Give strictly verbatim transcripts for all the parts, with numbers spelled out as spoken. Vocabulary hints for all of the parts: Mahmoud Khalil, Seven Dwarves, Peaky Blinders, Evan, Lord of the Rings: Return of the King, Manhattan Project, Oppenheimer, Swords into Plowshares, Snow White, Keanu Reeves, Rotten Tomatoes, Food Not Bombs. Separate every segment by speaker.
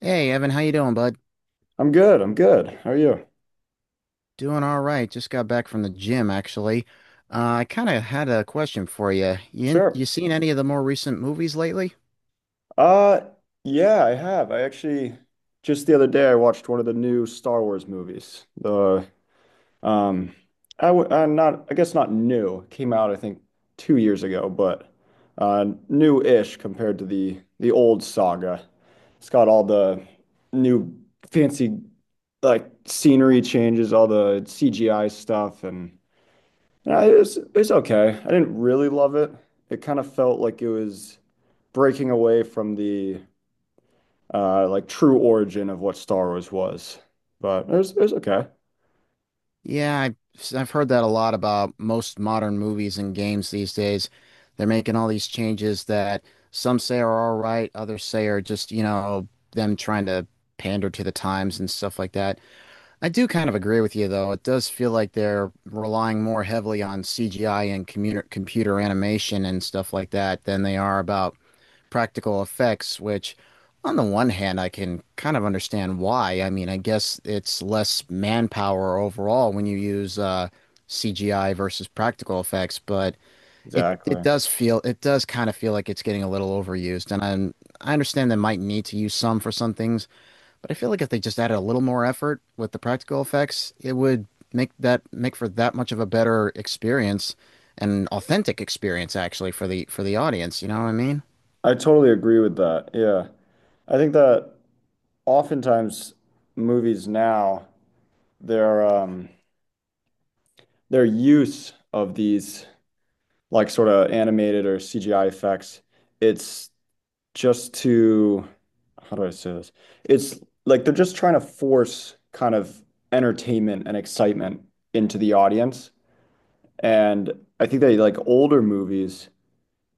Speaker 1: Hey Evan, how you doing, bud?
Speaker 2: I'm good. I'm good. How are you?
Speaker 1: Doing all right. Just got back from the gym, actually. Uh, I kind of had a question for you. You in-
Speaker 2: Sure.
Speaker 1: you seen any of the more recent movies lately?
Speaker 2: Uh, yeah, I have. I actually just the other day I watched one of the new Star Wars movies. The um, I w I'm not. I guess not new. It came out I think two years ago, but uh, new-ish compared to the the old saga. It's got all the new fancy like scenery changes, all the C G I stuff, and uh, it's it's okay. I didn't really love it. It kind of felt like it was. Breaking away from the uh, like true origin of what Star Wars was. But it was, it was okay.
Speaker 1: Yeah, I, I've heard that a lot about most modern movies and games these days. They're making all these changes that some say are all right, others say are just, you know, them trying to pander to the times and stuff like that. I do kind of agree with you, though. It does feel like they're relying more heavily on C G I and commuter computer animation and stuff like that than they are about practical effects, which, on the one hand, I can kind of understand why. I mean, I guess it's less manpower overall when you use uh, C G I versus practical effects, but it it
Speaker 2: Exactly.
Speaker 1: does feel it does kind of feel like it's getting a little overused, and I I understand they might need to use some for some things. But I feel like if they just added a little more effort with the practical effects, it would make that make for that much of a better experience, an authentic experience actually for the for the audience. You know what I mean?
Speaker 2: I totally agree with that. Yeah. I think that oftentimes movies now, their um their use of these like sort of animated or C G I effects, it's just to how do I say this? It's like they're just trying to force kind of entertainment and excitement into the audience. And I think that like older movies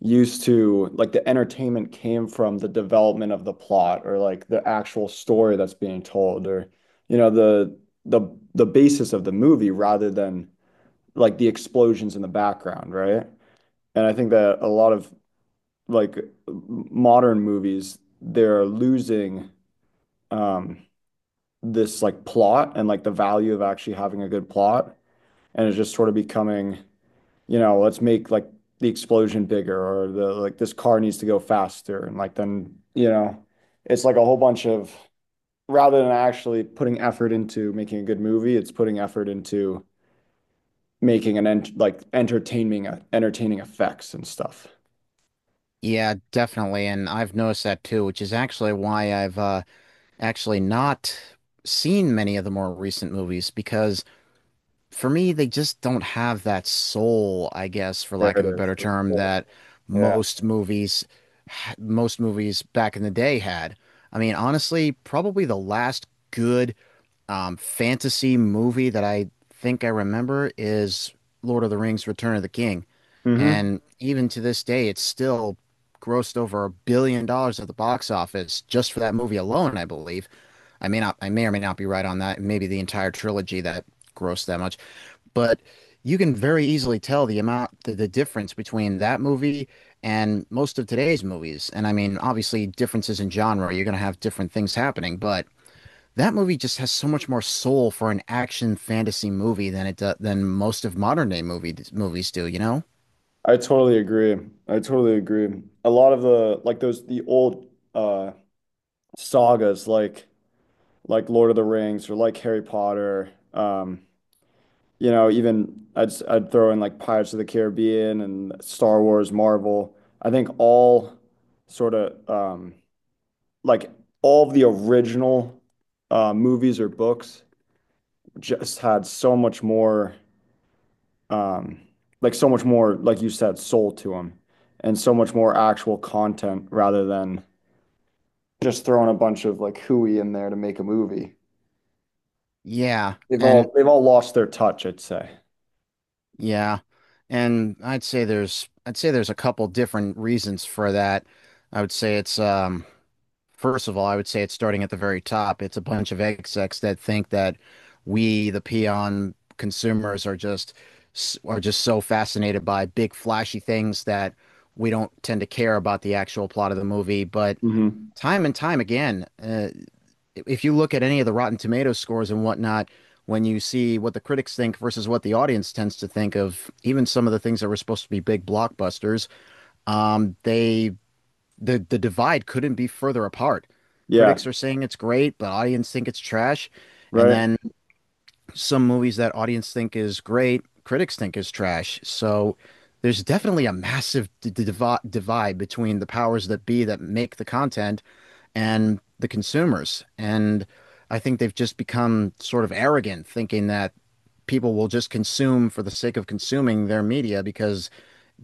Speaker 2: used to like the entertainment came from the development of the plot or like the actual story that's being told, or you know, the the the basis of the movie rather than like the explosions in the background, right? And I think that a lot of like modern movies, they're losing um this like plot and like the value of actually having a good plot, and it's just sort of becoming, you know, let's make like the explosion bigger, or the like this car needs to go faster, and like then, you know, it's like a whole bunch of, rather than actually putting effort into making a good movie, it's putting effort into making an ent like entertaining uh, entertaining effects and stuff.
Speaker 1: Yeah, definitely. And I've noticed that too, which is actually why I've uh, actually not seen many of the more recent movies because for me, they just don't have that soul, I guess, for
Speaker 2: There
Speaker 1: lack
Speaker 2: it
Speaker 1: of a
Speaker 2: is.
Speaker 1: better
Speaker 2: This
Speaker 1: term,
Speaker 2: whole-
Speaker 1: that
Speaker 2: Yeah.
Speaker 1: most movies, most movies back in the day had. I mean, honestly, probably the last good um, fantasy movie that I think I remember is Lord of the Rings: Return of the King,
Speaker 2: Hmm.
Speaker 1: and even to this day, it's still grossed over a billion dollars at the box office just for that movie alone, I believe. I may not, I may or may not be right on that. Maybe the entire trilogy that grossed that much, but you can very easily tell the amount, the, the difference between that movie and most of today's movies. And I mean, obviously, differences in genre, you're going to have different things happening, but that movie just has so much more soul for an action fantasy movie than it do, than most of modern day movie movies do, you know?
Speaker 2: I totally agree. I totally agree. A lot of the like those the old uh sagas like like Lord of the Rings or like Harry Potter, um you know, even I'd i I'd throw in like Pirates of the Caribbean and Star Wars, Marvel. I think all sort of um, like all of the original uh, movies or books just had so much more um, like so much more, like you said, soul to them, and so much more actual content rather than just throwing a bunch of like hooey in there to make a movie.
Speaker 1: Yeah,
Speaker 2: They've
Speaker 1: and
Speaker 2: all they've all lost their touch, I'd say.
Speaker 1: yeah, and I'd say there's I'd say there's a couple different reasons for that. I would say it's um First of all, I would say it's starting at the very top. It's a bunch of execs that think that we, the peon consumers, are just are just so fascinated by big flashy things that we don't tend to care about the actual plot of the movie. But
Speaker 2: Hmm.
Speaker 1: time and time again, uh, if you look at any of the Rotten Tomatoes scores and whatnot, when you see what the critics think versus what the audience tends to think of, even some of the things that were supposed to be big blockbusters, um, they the the divide couldn't be further apart.
Speaker 2: Yeah,
Speaker 1: Critics are saying it's great, but audience think it's trash. And
Speaker 2: right.
Speaker 1: then some movies that audience think is great, critics think is trash. So there's definitely a massive d divi- divide between the powers that be that make the content and the consumers. And I think they've just become sort of arrogant, thinking that people will just consume for the sake of consuming their media because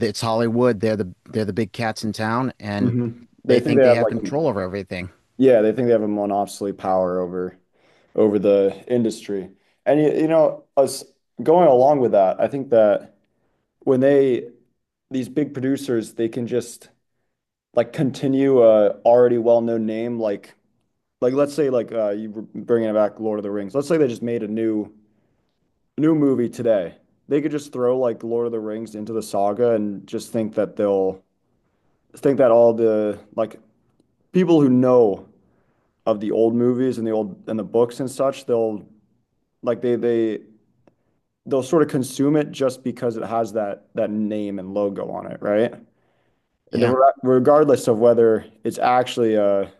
Speaker 1: it's Hollywood. They're the they're the big cats in town, and
Speaker 2: Hmm. They
Speaker 1: they
Speaker 2: think they
Speaker 1: think they
Speaker 2: have
Speaker 1: have
Speaker 2: like a,
Speaker 1: control over everything.
Speaker 2: yeah, they think they have a monopoly power over over the industry. And you, you know, us going along with that, I think that when they, these big producers, they can just like continue a already well-known name like like let's say like uh you were bringing back Lord of the Rings. Let's say they just made a new new movie today. They could just throw like Lord of the Rings into the saga and just think that they'll think that all the like people who know of the old movies and the old and the books and such, they'll like they'll they they they'll sort of consume it just because it has that that name and logo on it, right? And
Speaker 1: Yeah.
Speaker 2: re- regardless of whether it's actually a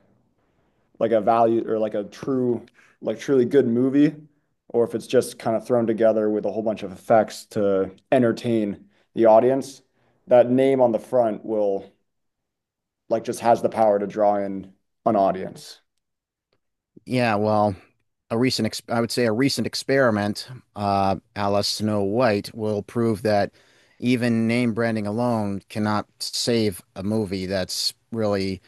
Speaker 2: like a value or like a true like truly good movie, or if it's just kind of thrown together with a whole bunch of effects to entertain the audience, that name on the front will like just has the power to draw in an audience.
Speaker 1: Yeah, well. A recent, ex I would say a recent experiment, uh, a la Snow White, will prove that even name branding alone cannot save a movie that's really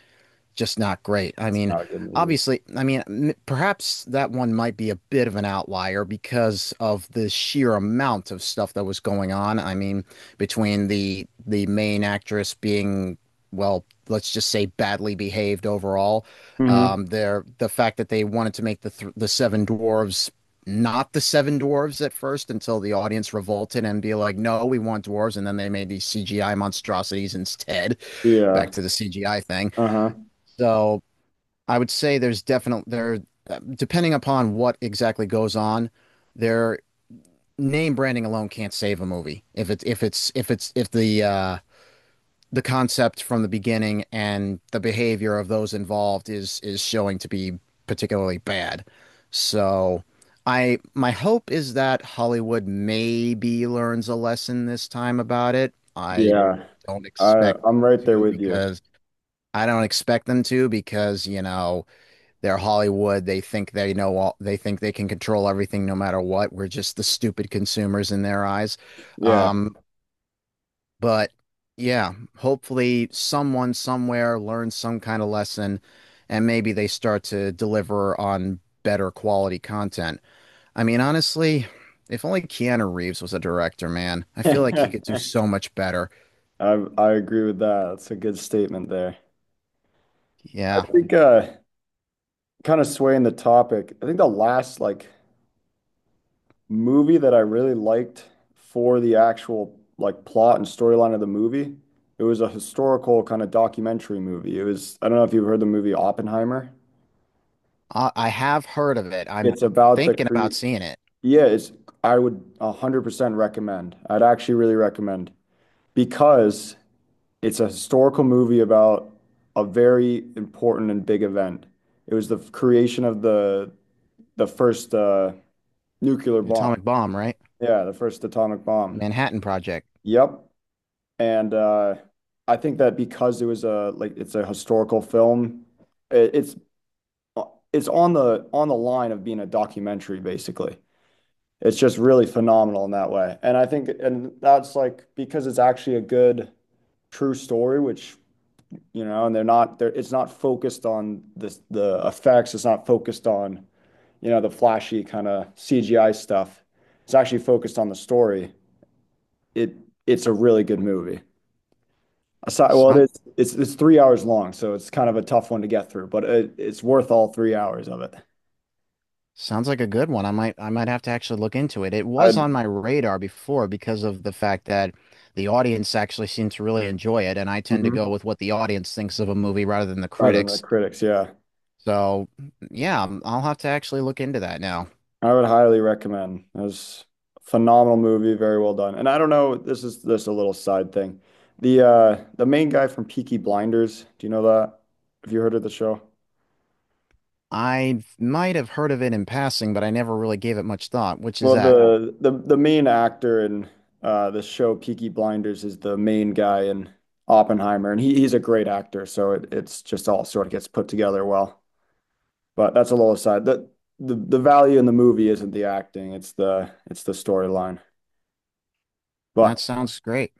Speaker 1: just not great. I
Speaker 2: It's
Speaker 1: mean,
Speaker 2: not a good movie.
Speaker 1: obviously, I mean, m- perhaps that one might be a bit of an outlier because of the sheer amount of stuff that was going on. I mean, between the the main actress being, well, let's just say badly behaved overall,
Speaker 2: Mm-hmm.
Speaker 1: um, there the fact that they wanted to make the th the Seven Dwarves not the Seven Dwarves at first until the audience revolted and be like, no, we want dwarves, and then they made these C G I monstrosities instead. Back
Speaker 2: Yeah.
Speaker 1: to the C G I thing.
Speaker 2: Uh huh.
Speaker 1: So I would say there's definitely there, uh, depending upon what exactly goes on, their name branding alone can't save a movie. If it's if it's if it's if the uh, the concept from the beginning and the behavior of those involved is is showing to be particularly bad. So I my hope is that Hollywood maybe learns a lesson this time about it. I
Speaker 2: Yeah.
Speaker 1: don't
Speaker 2: I
Speaker 1: expect
Speaker 2: I'm
Speaker 1: them
Speaker 2: right there
Speaker 1: to
Speaker 2: with you.
Speaker 1: because I don't expect them to because, you know they're Hollywood. They think they know all. They think they can control everything, no matter what. We're just the stupid consumers in their eyes.
Speaker 2: Yeah.
Speaker 1: Um, but yeah, hopefully someone somewhere learns some kind of lesson, and maybe they start to deliver on better quality content. I mean, honestly, if only Keanu Reeves was a director, man, I feel like he
Speaker 2: I
Speaker 1: could do so much better.
Speaker 2: I agree with that. That's a good statement there.
Speaker 1: Yeah,
Speaker 2: I think uh kind of swaying the topic. I think the last like movie that I really liked for the actual like plot and storyline of the movie, it was a historical kind of documentary movie. It was I don't know if you've heard the movie Oppenheimer.
Speaker 1: I, I have heard of it. I'm
Speaker 2: It's about the
Speaker 1: thinking
Speaker 2: cre
Speaker 1: about seeing it.
Speaker 2: Yeah, it's I would one hundred percent recommend. I'd actually really recommend because it's a historical movie about a very important and big event. It was the creation of the the first uh, nuclear bomb.
Speaker 1: Atomic Bomb, right?
Speaker 2: Yeah, the first atomic bomb.
Speaker 1: Manhattan Project.
Speaker 2: Yep. And uh, I think that because it was a like it's a historical film, it, it's it's on the on the line of being a documentary, basically. It's just really phenomenal in that way. And I think, and that's like because it's actually a good true story, which, you know, and they're not, they're, it's not focused on this, the effects. It's not focused on, you know, the flashy kind of C G I stuff. It's actually focused on the story. It It's a really good movie. Aside, Well,
Speaker 1: Sound
Speaker 2: it is, it's three its three hours long, so it's kind of a tough one to get through, but it, it's worth all three hours of it.
Speaker 1: Sounds like a good one. I might I might have to actually look into it. It was
Speaker 2: I'd
Speaker 1: on my radar before because of the fact that the audience actually seemed to really enjoy it, and I tend to go
Speaker 2: mm-hmm.
Speaker 1: with what the audience thinks of a movie rather than the
Speaker 2: Rather than the
Speaker 1: critics.
Speaker 2: critics, yeah.
Speaker 1: So, yeah, um, I'll have to actually look into that now.
Speaker 2: I would highly recommend. It was a phenomenal movie, very well done. And I don't know, this is just a little side thing. The uh the main guy from Peaky Blinders, do you know that? Have you heard of the show?
Speaker 1: I might have heard of it in passing, but I never really gave it much thought, which is
Speaker 2: Well,
Speaker 1: that.
Speaker 2: no. the the the main actor in uh the show Peaky Blinders is the main guy in Oppenheimer, and he he's a great actor, so it, it's just all sort of gets put together well. But that's a little aside. The the the value in the movie isn't the acting, it's the it's the storyline.
Speaker 1: That
Speaker 2: But
Speaker 1: sounds great.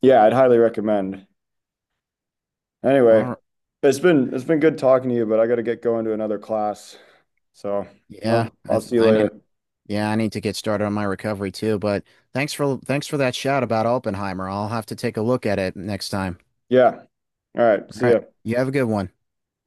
Speaker 2: yeah, I'd highly recommend.
Speaker 1: All
Speaker 2: Anyway,
Speaker 1: right.
Speaker 2: it's been it's been good talking to you, but I got to get going to another class. So, uh,
Speaker 1: Yeah, I
Speaker 2: I'll
Speaker 1: th
Speaker 2: see you
Speaker 1: I did
Speaker 2: later.
Speaker 1: yeah, I need to get started on my recovery too, but thanks for thanks for that shout about Oppenheimer. I'll have to take a look at it next time.
Speaker 2: Yeah. All right.
Speaker 1: All
Speaker 2: See
Speaker 1: right.
Speaker 2: ya.
Speaker 1: You have a good one.